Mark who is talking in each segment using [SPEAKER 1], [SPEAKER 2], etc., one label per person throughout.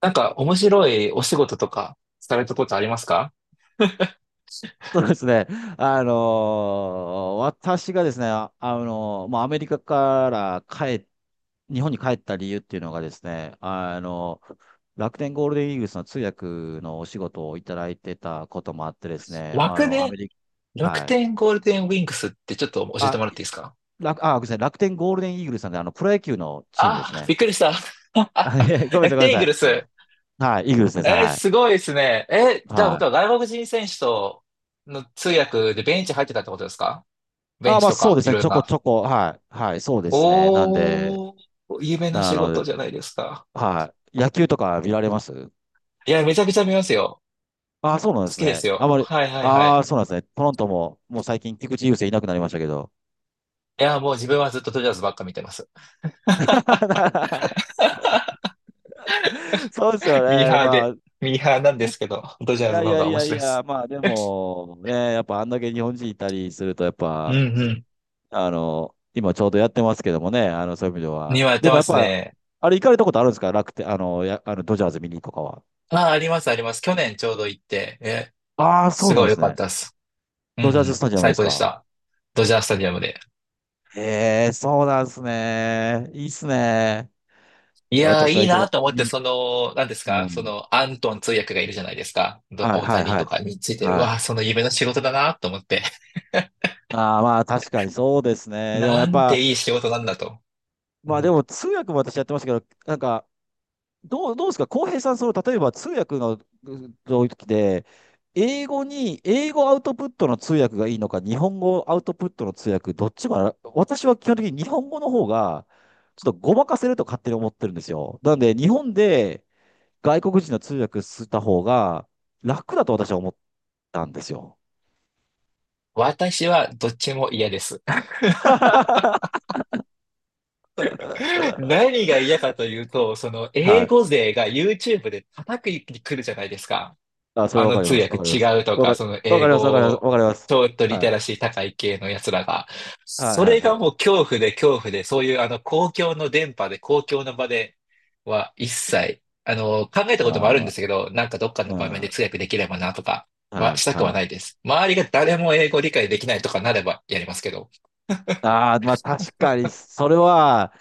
[SPEAKER 1] なんか面白いお仕事とかされたことありますか？
[SPEAKER 2] そうですね。あの私がですね、もうアメリカから日本に帰った理由っていうのがですね、あの楽天ゴールデンイーグルスの通訳のお仕事をいただいてたこともあってですね、あ
[SPEAKER 1] 楽
[SPEAKER 2] の、ア
[SPEAKER 1] で、
[SPEAKER 2] メリカ、
[SPEAKER 1] 楽
[SPEAKER 2] はい。
[SPEAKER 1] 天ゴールデンウィンクスってちょっと教えて
[SPEAKER 2] あ、
[SPEAKER 1] もらっていいですか？
[SPEAKER 2] ごめんなさい、楽天ゴールデンイーグルスなんで、あの、プロ野球のチームです
[SPEAKER 1] あ、
[SPEAKER 2] ね。
[SPEAKER 1] びっくりした。
[SPEAKER 2] あ、いえ、ごめんなさ
[SPEAKER 1] 楽
[SPEAKER 2] い、ごめんな
[SPEAKER 1] 天イー
[SPEAKER 2] さ
[SPEAKER 1] グ
[SPEAKER 2] い。
[SPEAKER 1] ルス。
[SPEAKER 2] はい、イーグルスですね、はい。
[SPEAKER 1] すごいですね。じゃあ、こ
[SPEAKER 2] は
[SPEAKER 1] と
[SPEAKER 2] い。
[SPEAKER 1] は外国人選手との通訳でベンチ入ってたってことですか？ベン
[SPEAKER 2] あ、
[SPEAKER 1] チ
[SPEAKER 2] まあ
[SPEAKER 1] と
[SPEAKER 2] そう
[SPEAKER 1] か
[SPEAKER 2] です
[SPEAKER 1] い
[SPEAKER 2] ね、
[SPEAKER 1] ろい
[SPEAKER 2] ち
[SPEAKER 1] ろ
[SPEAKER 2] ょこち
[SPEAKER 1] な。
[SPEAKER 2] ょこ、はい、はい、そうですね。なんで、
[SPEAKER 1] おー、夢の
[SPEAKER 2] な
[SPEAKER 1] 仕
[SPEAKER 2] の
[SPEAKER 1] 事
[SPEAKER 2] で、
[SPEAKER 1] じゃないですか。
[SPEAKER 2] はい。野球とか見られます？
[SPEAKER 1] いや、めちゃくちゃ見ますよ。
[SPEAKER 2] ああ、そうなん
[SPEAKER 1] 好
[SPEAKER 2] です
[SPEAKER 1] きです
[SPEAKER 2] ね。あ
[SPEAKER 1] よ。
[SPEAKER 2] まり、
[SPEAKER 1] はいはいは
[SPEAKER 2] あ
[SPEAKER 1] い。
[SPEAKER 2] あ、そうなんですね。トロントも、もう最近菊池雄星いなくなりましたけど。
[SPEAKER 1] いや、もう自分はずっとドジャースばっか見てます。
[SPEAKER 2] そうですよ
[SPEAKER 1] ミー
[SPEAKER 2] ね。
[SPEAKER 1] ハー
[SPEAKER 2] ま
[SPEAKER 1] で、
[SPEAKER 2] あ、
[SPEAKER 1] ミーハーなんで
[SPEAKER 2] じ、い
[SPEAKER 1] すけど、ドジャーズ
[SPEAKER 2] やい
[SPEAKER 1] の方
[SPEAKER 2] や
[SPEAKER 1] が
[SPEAKER 2] い
[SPEAKER 1] 面
[SPEAKER 2] やい
[SPEAKER 1] 白いで
[SPEAKER 2] や、
[SPEAKER 1] す。
[SPEAKER 2] まあでも、ね、やっぱあんだけ日本人いたりすると、やっ
[SPEAKER 1] うん
[SPEAKER 2] ぱ、
[SPEAKER 1] うん。
[SPEAKER 2] あの、今ちょうどやってますけどもね、あの、そういう意味で
[SPEAKER 1] に
[SPEAKER 2] は。
[SPEAKER 1] はやって
[SPEAKER 2] でも
[SPEAKER 1] ま
[SPEAKER 2] やっ
[SPEAKER 1] す
[SPEAKER 2] ぱ、
[SPEAKER 1] ね。
[SPEAKER 2] あれ行かれたことあるんですか？楽天、あの、ドジャーズ見にとかは。
[SPEAKER 1] ああ、ありますあります。去年ちょうど行って、え、
[SPEAKER 2] ああ、そ
[SPEAKER 1] す
[SPEAKER 2] うな
[SPEAKER 1] ご
[SPEAKER 2] ん
[SPEAKER 1] い
[SPEAKER 2] で
[SPEAKER 1] 良
[SPEAKER 2] す
[SPEAKER 1] かっ
[SPEAKER 2] ね。
[SPEAKER 1] たです。うんう
[SPEAKER 2] ドジャーズス
[SPEAKER 1] ん。
[SPEAKER 2] タジアムで
[SPEAKER 1] 最
[SPEAKER 2] す
[SPEAKER 1] 高でし
[SPEAKER 2] か？
[SPEAKER 1] た。ドジャースタジアムで。
[SPEAKER 2] ええ、そうなんですね。いいっすね。
[SPEAKER 1] い
[SPEAKER 2] いや
[SPEAKER 1] やー、
[SPEAKER 2] 私
[SPEAKER 1] い
[SPEAKER 2] は
[SPEAKER 1] い
[SPEAKER 2] いけな
[SPEAKER 1] な
[SPEAKER 2] い。
[SPEAKER 1] と思って、その、何です
[SPEAKER 2] う
[SPEAKER 1] かそ
[SPEAKER 2] ん。
[SPEAKER 1] の、アントン通訳がいるじゃないですか。
[SPEAKER 2] はい、
[SPEAKER 1] 大
[SPEAKER 2] はい、
[SPEAKER 1] 谷
[SPEAKER 2] は
[SPEAKER 1] と
[SPEAKER 2] い。
[SPEAKER 1] かについてる。
[SPEAKER 2] は
[SPEAKER 1] わあ、
[SPEAKER 2] い。
[SPEAKER 1] その夢の仕事だなと思って。
[SPEAKER 2] ああ、まあ確かにそうです ね。でもや
[SPEAKER 1] な
[SPEAKER 2] っ
[SPEAKER 1] んて
[SPEAKER 2] ぱ、
[SPEAKER 1] いい仕事なんだと。う
[SPEAKER 2] まあで
[SPEAKER 1] ん、
[SPEAKER 2] も通訳も私やってましたけど、なんか、どうですか、浩平さん、その、例えば通訳のう時で、英語アウトプットの通訳がいいのか、日本語アウトプットの通訳、どっちも私は基本的に日本語の方が、ちょっとごまかせると勝手に思ってるんですよ。なので、日本で外国人の通訳した方が楽だと私は思ったんですよ。
[SPEAKER 1] 私はどっちも嫌です。何が嫌かというと、その
[SPEAKER 2] は
[SPEAKER 1] 英
[SPEAKER 2] い。
[SPEAKER 1] 語勢が YouTube で叩くに来るじゃないですか。
[SPEAKER 2] あ、それ
[SPEAKER 1] あ
[SPEAKER 2] はわ
[SPEAKER 1] の
[SPEAKER 2] かり
[SPEAKER 1] 通
[SPEAKER 2] ます。
[SPEAKER 1] 訳
[SPEAKER 2] わかります。
[SPEAKER 1] 違うとか、その
[SPEAKER 2] わ
[SPEAKER 1] 英
[SPEAKER 2] かります。わかります。
[SPEAKER 1] 語、
[SPEAKER 2] わかります。
[SPEAKER 1] ちょっとリ
[SPEAKER 2] は
[SPEAKER 1] テ
[SPEAKER 2] い。
[SPEAKER 1] ラシー高い系のやつらが。
[SPEAKER 2] はい
[SPEAKER 1] そ
[SPEAKER 2] はい
[SPEAKER 1] れ
[SPEAKER 2] は
[SPEAKER 1] が
[SPEAKER 2] い。
[SPEAKER 1] もう恐怖で恐怖で、そういうあの公共の電波で、公共の場では一切、あの、考えたこともあるん
[SPEAKER 2] あ
[SPEAKER 1] で
[SPEAKER 2] あ、
[SPEAKER 1] すけど、なんかどっかの
[SPEAKER 2] うん。
[SPEAKER 1] 場面で
[SPEAKER 2] は
[SPEAKER 1] 通訳できればなとか
[SPEAKER 2] い
[SPEAKER 1] はしたくは
[SPEAKER 2] は
[SPEAKER 1] ない
[SPEAKER 2] い。
[SPEAKER 1] です。周りが誰も英語理解できないとかなればやりますけど。
[SPEAKER 2] ああ、まあ確かに、それは、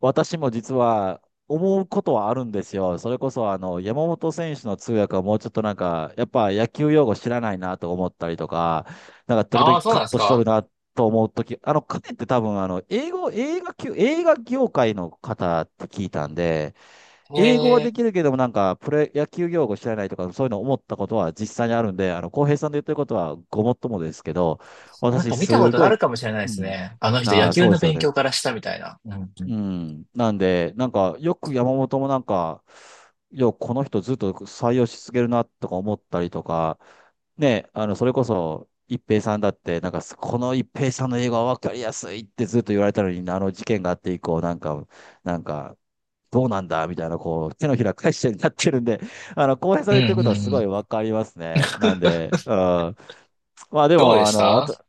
[SPEAKER 2] 私も実は思うことはあるんですよ。それこそ、あの、山本選手の通訳はもうちょっとなんか、やっぱ野球用語知らないなと思ったりとか、なんか時
[SPEAKER 1] あ
[SPEAKER 2] 々
[SPEAKER 1] あ、そう
[SPEAKER 2] カ
[SPEAKER 1] なん
[SPEAKER 2] ッ
[SPEAKER 1] です
[SPEAKER 2] トしとる
[SPEAKER 1] か？
[SPEAKER 2] なと思うとき、あの、彼って多分、あの、英語、映画級、映画業界の方って聞いたんで、
[SPEAKER 1] へ
[SPEAKER 2] 英語はで
[SPEAKER 1] え。
[SPEAKER 2] きるけども、なんか、プロ野球用語知らないとか、そういうの思ったことは実際にあるんで、あの、浩平さんで言ってることはごもっともですけど、
[SPEAKER 1] なん
[SPEAKER 2] 私、
[SPEAKER 1] か見たこ
[SPEAKER 2] す
[SPEAKER 1] とあ
[SPEAKER 2] ごい、
[SPEAKER 1] るかもしれないで
[SPEAKER 2] う
[SPEAKER 1] す
[SPEAKER 2] ん。
[SPEAKER 1] ね。あの人
[SPEAKER 2] あ
[SPEAKER 1] 野
[SPEAKER 2] あ、
[SPEAKER 1] 球
[SPEAKER 2] そう
[SPEAKER 1] の
[SPEAKER 2] ですよ
[SPEAKER 1] 勉
[SPEAKER 2] ね。
[SPEAKER 1] 強からしたみたいな。うんう
[SPEAKER 2] う
[SPEAKER 1] ん。
[SPEAKER 2] ん。なんで、なんか、よく山本もなんか、この人ずっと採用し続けるな、とか思ったりとか、ね、あの、それこそ、一平さんだって、なんか、この一平さんの英語は分かりやすいってずっと言われたのに、あの事件があって以降、なんか、どうなんだみたいな、こう、手のひら返しになってるんで、あの、浩平さ
[SPEAKER 1] う
[SPEAKER 2] んの
[SPEAKER 1] ん
[SPEAKER 2] 言ってる
[SPEAKER 1] う
[SPEAKER 2] こと
[SPEAKER 1] んう
[SPEAKER 2] はすごい
[SPEAKER 1] ん。
[SPEAKER 2] わかりますね。なんで、うん。まあで
[SPEAKER 1] どうで
[SPEAKER 2] も、あ
[SPEAKER 1] し
[SPEAKER 2] の、わ
[SPEAKER 1] た？
[SPEAKER 2] た、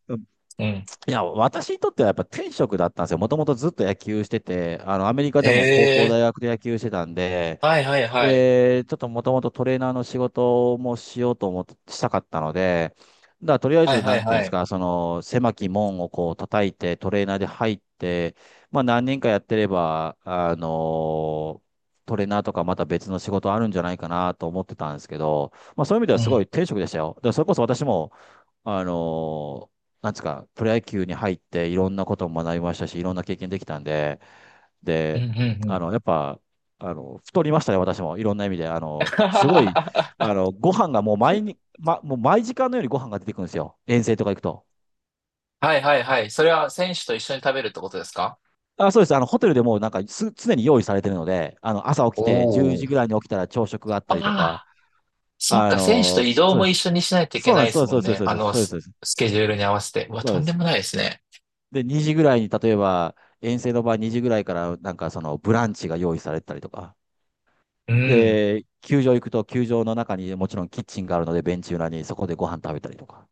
[SPEAKER 1] うん。
[SPEAKER 2] いや、私にとってはやっぱ天職だったんですよ。もともとずっと野球してて、あの、アメリカ
[SPEAKER 1] え
[SPEAKER 2] でも高校、
[SPEAKER 1] え、
[SPEAKER 2] 大学で野球してたんで、
[SPEAKER 1] はいはいはい。
[SPEAKER 2] で、ちょっともともとトレーナーの仕事もしようと思って、したかったので、だからとりあえ
[SPEAKER 1] はい
[SPEAKER 2] ず、
[SPEAKER 1] は
[SPEAKER 2] な
[SPEAKER 1] い
[SPEAKER 2] んていう
[SPEAKER 1] は
[SPEAKER 2] んです
[SPEAKER 1] い。
[SPEAKER 2] か、その、狭き門をこう叩いて、トレーナーで入って、まあ何年かやってれば、あのトレーナーとかまた別の仕事あるんじゃないかなと思ってたんですけど、まあそういう意味で
[SPEAKER 1] う
[SPEAKER 2] はすご
[SPEAKER 1] ん。
[SPEAKER 2] い天職でしたよ。だからそれこそ私も、あのなんですか、プロ野球に入っていろんなことも学びましたし、いろんな経験できたんで、
[SPEAKER 1] うんう
[SPEAKER 2] で、
[SPEAKER 1] んう
[SPEAKER 2] あ
[SPEAKER 1] ん。
[SPEAKER 2] の、やっぱ、あの、太りましたね、私も。いろんな意味で。あ の、すごい、あ
[SPEAKER 1] は
[SPEAKER 2] の、ご飯がもう毎に、ま、もう毎時間のようにご飯が出てくるんですよ。遠征とか行くと。
[SPEAKER 1] いはいはい。それは選手と一緒に食べるってことですか？
[SPEAKER 2] あ、そうです。あの、ホテルでもうなんかす、常に用意されてるので、あの、朝起きて、10
[SPEAKER 1] おお
[SPEAKER 2] 時
[SPEAKER 1] ー。
[SPEAKER 2] ぐらいに起きたら朝食があっ
[SPEAKER 1] あ
[SPEAKER 2] たりとか、
[SPEAKER 1] あ、そっ
[SPEAKER 2] あ
[SPEAKER 1] か、選手と
[SPEAKER 2] の、
[SPEAKER 1] 移動
[SPEAKER 2] そう
[SPEAKER 1] も
[SPEAKER 2] で
[SPEAKER 1] 一
[SPEAKER 2] す。
[SPEAKER 1] 緒にしないといけ
[SPEAKER 2] そうな
[SPEAKER 1] な
[SPEAKER 2] ん
[SPEAKER 1] い
[SPEAKER 2] で
[SPEAKER 1] で
[SPEAKER 2] す。そう
[SPEAKER 1] す
[SPEAKER 2] です。
[SPEAKER 1] も
[SPEAKER 2] そう
[SPEAKER 1] ん
[SPEAKER 2] です。
[SPEAKER 1] ね。
[SPEAKER 2] そう
[SPEAKER 1] あ
[SPEAKER 2] です。
[SPEAKER 1] の、
[SPEAKER 2] そうです。そうです。
[SPEAKER 1] スケジュールに合わせて。うわ、
[SPEAKER 2] そう
[SPEAKER 1] と
[SPEAKER 2] で
[SPEAKER 1] んで
[SPEAKER 2] す
[SPEAKER 1] もないですね。
[SPEAKER 2] で、2時ぐらいに、例えば、遠征の場合2時ぐらいから、なんかその、ブランチが用意されてたりとか。
[SPEAKER 1] うん。
[SPEAKER 2] で、球場行くと、球場の中にもちろんキッチンがあるので、ベンチ裏にそこでご飯食べたりとか。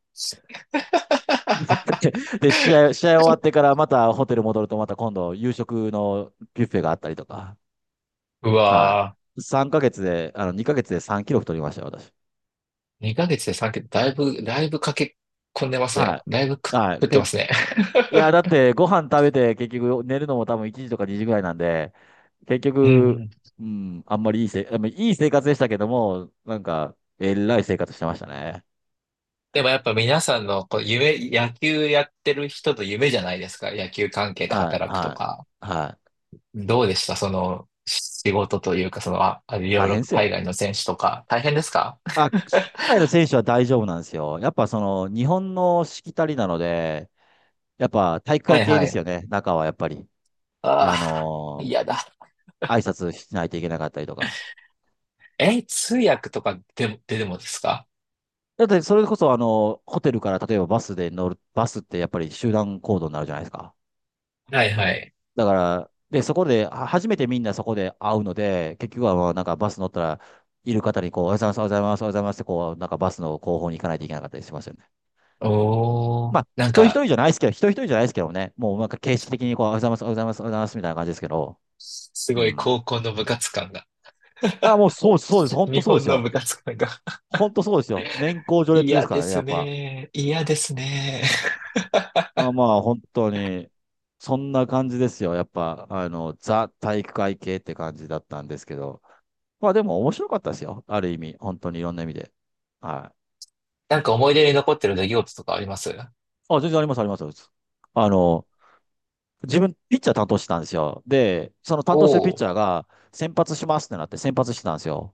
[SPEAKER 2] で、試合終わってからまたホテル戻るとまた今度夕食のビュッフェがあったりとか。
[SPEAKER 1] う
[SPEAKER 2] は
[SPEAKER 1] わー、
[SPEAKER 2] い。3ヶ月で、あの、2ヶ月で3キロ太りましたよ、私。
[SPEAKER 1] 2ヶ月で3桁、だいぶ、だいぶ駆け込んでます
[SPEAKER 2] は
[SPEAKER 1] ね。だいぶ
[SPEAKER 2] い。
[SPEAKER 1] 食
[SPEAKER 2] はい。
[SPEAKER 1] ってますね。
[SPEAKER 2] いや、だっ てご飯食べて結局寝るのも多分1時とか2時ぐらいなんで、結
[SPEAKER 1] うんう
[SPEAKER 2] 局、
[SPEAKER 1] ん。
[SPEAKER 2] うん、あんまりいいせ、あんまりいい生活でしたけども、なんか、えらい生活してましたね。
[SPEAKER 1] でもやっぱ皆さんのこう夢、野球やってる人の夢じゃないですか。野球関係で
[SPEAKER 2] はい、
[SPEAKER 1] 働くと
[SPEAKER 2] は
[SPEAKER 1] か。
[SPEAKER 2] い、はい。
[SPEAKER 1] どうでしたその仕事というか、その、あ、あいろ
[SPEAKER 2] 大
[SPEAKER 1] いろ
[SPEAKER 2] 変です
[SPEAKER 1] 海
[SPEAKER 2] よ。
[SPEAKER 1] 外の選手とか。大変ですか？
[SPEAKER 2] あ、海 外の選手は大丈夫なんですよ。やっぱその、日本のしきたりなので、やっぱ体育
[SPEAKER 1] は
[SPEAKER 2] 会
[SPEAKER 1] い
[SPEAKER 2] 系
[SPEAKER 1] は
[SPEAKER 2] です
[SPEAKER 1] い。
[SPEAKER 2] よね、中はやっぱり。
[SPEAKER 1] あ
[SPEAKER 2] あ
[SPEAKER 1] あ、
[SPEAKER 2] のー
[SPEAKER 1] 嫌だ。
[SPEAKER 2] 挨拶しないといけなかったりとか。
[SPEAKER 1] え、通訳とかでも、でもですか？
[SPEAKER 2] だってそれこそあの、ホテルから例えばバスで乗る、バスってやっぱり集団行動になるじゃないですか。
[SPEAKER 1] はいはい。
[SPEAKER 2] だから、で、そこで、は初めてみんなそこで会うので、結局はまあなんかバス乗ったら、いる方にこう、おはようございます、おはようございます、おはようございますって、こう、なんかバスの後方に行かないといけなかったりしますよね。
[SPEAKER 1] おー、
[SPEAKER 2] まあ、
[SPEAKER 1] な
[SPEAKER 2] 一
[SPEAKER 1] ん
[SPEAKER 2] 人一
[SPEAKER 1] か、
[SPEAKER 2] 人じゃないですけど、一人一人じゃないですけどね、もうなんか形式的にこう、おはようございます、おはようございます、おはようございますみたいな感じですけど、
[SPEAKER 1] す
[SPEAKER 2] う
[SPEAKER 1] ごい
[SPEAKER 2] ん。
[SPEAKER 1] 高校の部活感が、
[SPEAKER 2] あ、もうそうです、そうです、本
[SPEAKER 1] 日
[SPEAKER 2] 当そうで
[SPEAKER 1] 本
[SPEAKER 2] す
[SPEAKER 1] の部
[SPEAKER 2] よ。
[SPEAKER 1] 活感が
[SPEAKER 2] 本当そうですよ。年功序列で
[SPEAKER 1] 嫌
[SPEAKER 2] すか
[SPEAKER 1] で
[SPEAKER 2] らね、
[SPEAKER 1] す
[SPEAKER 2] やっぱ。
[SPEAKER 1] ね。嫌ですね。
[SPEAKER 2] あ、まあ、本当に、そんな感じですよ。やっぱ、あの、ザ体育会系って感じだったんですけど。まあ、でも面白かったですよ。ある意味、本当にいろんな意味で。はい。
[SPEAKER 1] なんか思い出に残ってる出来事とかあります？
[SPEAKER 2] あ、全然あります、あります。あの、自分、ピッチャー担当してたんですよ。で、その担当してる
[SPEAKER 1] お
[SPEAKER 2] ピ
[SPEAKER 1] お
[SPEAKER 2] ッ
[SPEAKER 1] ー、
[SPEAKER 2] チャーが、先発しますってなって、先発してたんですよ。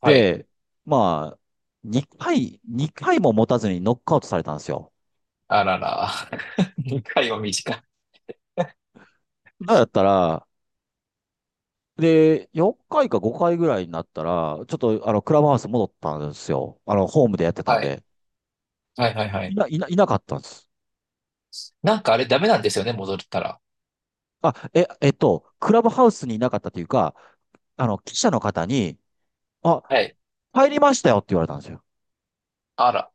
[SPEAKER 1] はい。
[SPEAKER 2] で、まあ、2回、2回も持たずにノックアウトされたんですよ。
[SPEAKER 1] あらら。2回は短い。
[SPEAKER 2] だからだったら、で、4回か5回ぐらいになったら、ちょっと、あの、クラブハウス戻ったんですよ。あの、ホームでやってたん
[SPEAKER 1] はい。
[SPEAKER 2] で。
[SPEAKER 1] はいはいはい。
[SPEAKER 2] いなかったんです。
[SPEAKER 1] なんかあれダメなんですよね、戻ったら。
[SPEAKER 2] あ、クラブハウスにいなかったというか、あの、記者の方に、あ、
[SPEAKER 1] はい。
[SPEAKER 2] 帰りましたよって言われたんですよ。
[SPEAKER 1] あら。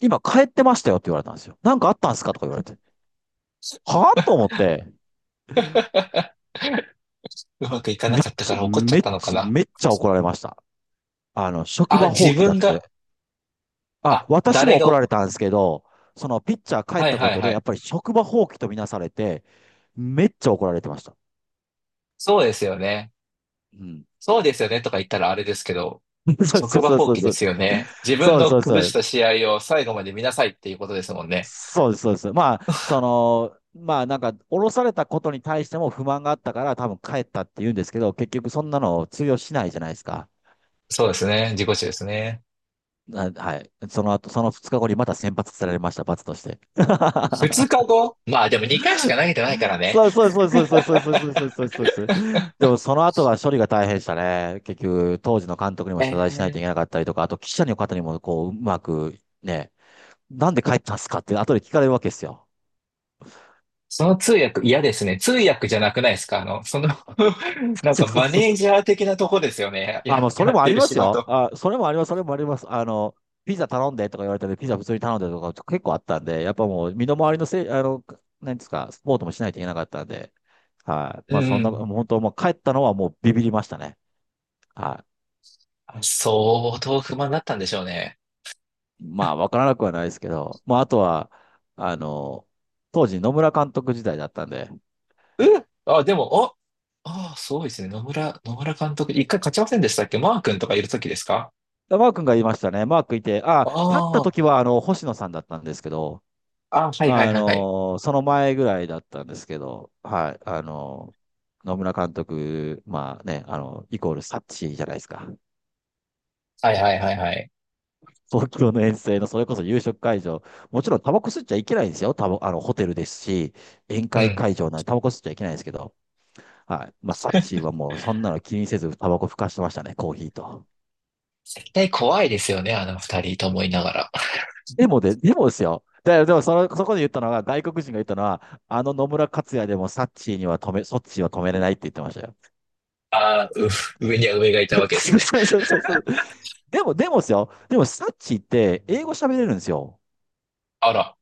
[SPEAKER 2] 今帰ってましたよって言われたんですよ。なんかあったんですかとか言われて。はぁと思って、
[SPEAKER 1] うまくいかなかったから怒っちゃったのかな。
[SPEAKER 2] めっちゃ怒られました。職
[SPEAKER 1] あ、
[SPEAKER 2] 場放
[SPEAKER 1] 自
[SPEAKER 2] 棄だっ
[SPEAKER 1] 分が、
[SPEAKER 2] て、あ、
[SPEAKER 1] あ、
[SPEAKER 2] 私も
[SPEAKER 1] 誰が
[SPEAKER 2] 怒ら
[SPEAKER 1] お、
[SPEAKER 2] れたんですけど、そのピッチャー帰っ
[SPEAKER 1] はい
[SPEAKER 2] たこ
[SPEAKER 1] はい
[SPEAKER 2] とで、
[SPEAKER 1] は
[SPEAKER 2] やっ
[SPEAKER 1] い。
[SPEAKER 2] ぱり職場放棄とみなされて、めっちゃ怒られてました。
[SPEAKER 1] そうですよね。
[SPEAKER 2] うん。
[SPEAKER 1] そうですよねとか言ったらあれですけど、
[SPEAKER 2] そうそ
[SPEAKER 1] 職
[SPEAKER 2] う
[SPEAKER 1] 場
[SPEAKER 2] そう
[SPEAKER 1] 放
[SPEAKER 2] そう
[SPEAKER 1] 棄で
[SPEAKER 2] そう。
[SPEAKER 1] すよね。自分
[SPEAKER 2] そう
[SPEAKER 1] の
[SPEAKER 2] そうそ
[SPEAKER 1] 崩し
[SPEAKER 2] う。
[SPEAKER 1] た試合を最後まで見なさいっていうことですもんね。
[SPEAKER 2] そうです、そうです。まあ、まあ降ろされたことに対しても不満があったから、多分帰ったって言うんですけど、結局そんなの通用しないじゃないですか。
[SPEAKER 1] そうですね。自己中ですね。
[SPEAKER 2] なはい。その後、その2日後にまた先発されました、罰として。
[SPEAKER 1] 2日 後まあでも2回しか投げてないからね。
[SPEAKER 2] そうそうそうそうそうそうそうそうそうそうそう。でもその後が処理が大変でしたね。結局、当時の監督にも
[SPEAKER 1] え
[SPEAKER 2] 謝罪しないといけ
[SPEAKER 1] ー、
[SPEAKER 2] なかったりとか、あと記者の方にもこう、うまくね、なんで帰ったんすかって後で聞かれるわけですよ。
[SPEAKER 1] その通訳嫌ですね。通訳じゃなくないですかあの、その な ん
[SPEAKER 2] そ
[SPEAKER 1] か
[SPEAKER 2] うそう
[SPEAKER 1] マ
[SPEAKER 2] そう
[SPEAKER 1] ネー
[SPEAKER 2] そ
[SPEAKER 1] ジ
[SPEAKER 2] う。
[SPEAKER 1] ャー的なとこですよね。
[SPEAKER 2] あ、
[SPEAKER 1] や、
[SPEAKER 2] もうそ
[SPEAKER 1] や
[SPEAKER 2] れ
[SPEAKER 1] っ
[SPEAKER 2] もあ
[SPEAKER 1] て
[SPEAKER 2] り
[SPEAKER 1] る
[SPEAKER 2] ま
[SPEAKER 1] 仕
[SPEAKER 2] すよ。
[SPEAKER 1] 事。
[SPEAKER 2] あ、それもあります、それもあります。ピザ頼んでとか言われたんで、ピザ普通に頼んでとか結構あったんで、やっぱもう身の回りのせい、なんですか、スポーツもしないといけなかったんで、はい。
[SPEAKER 1] う
[SPEAKER 2] まあそんな、も
[SPEAKER 1] ん。
[SPEAKER 2] う本当もう帰ったのはもうビビりましたね。はい。
[SPEAKER 1] あ、相当不満だったんでしょうね。
[SPEAKER 2] まあ、わからなくはないですけど、まあ、あとは、あの、当時野村監督時代だったんで、
[SPEAKER 1] うん、あ、でも、あ、ああ、そうですね。野村監督、一回勝ちませんでしたっけ？マー君とかいるときですか？
[SPEAKER 2] マー君が言いましたね。マー君いて、あ、立った
[SPEAKER 1] あ
[SPEAKER 2] 時は、星野さんだったんですけど、
[SPEAKER 1] あ、あ、はいはいはいはい。
[SPEAKER 2] その前ぐらいだったんですけど、はい、野村監督、まあね、イコールサッチじゃないですか。
[SPEAKER 1] はいはいはいはい。
[SPEAKER 2] 東京の遠征の、それこそ夕食会場、もちろんタバコ吸っちゃいけないんですよ。タバ、あの、ホテルですし、宴
[SPEAKER 1] う
[SPEAKER 2] 会
[SPEAKER 1] ん。
[SPEAKER 2] 会場なんでタバコ吸っちゃいけないんですけど、はい。まあ、サチはもうそんなの気にせずタバコふかしてましたね、コーヒーと。
[SPEAKER 1] 絶対怖いですよね、あの二人と思いながら。
[SPEAKER 2] でもですよ。でもその、そこで言ったのが、外国人が言ったのは、あの野村克也でもサッチーにはそっちは止めれないって言ってましたよ。
[SPEAKER 1] あー、う 上には上がいたわけです ね。
[SPEAKER 2] そうそうそうそう。でも、でもですよ。でもサッチーって英語喋れるんですよ。
[SPEAKER 1] あら。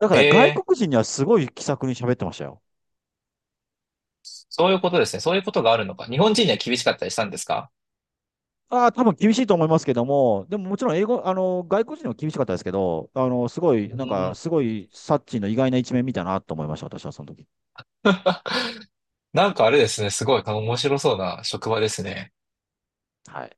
[SPEAKER 2] だか
[SPEAKER 1] へ
[SPEAKER 2] ら外
[SPEAKER 1] え、
[SPEAKER 2] 国人にはすごい気さくに喋ってましたよ。
[SPEAKER 1] そういうことですね。そういうことがあるのか。日本人には厳しかったりしたんですか？
[SPEAKER 2] ああ、多分厳しいと思いますけども、でももちろん英語、外国人は厳しかったですけど、
[SPEAKER 1] うーん。
[SPEAKER 2] すごい、サッチーの意外な一面見たなと思いました、私はその時。
[SPEAKER 1] なんかあれですね。すごい面白そうな職場ですね。
[SPEAKER 2] はい。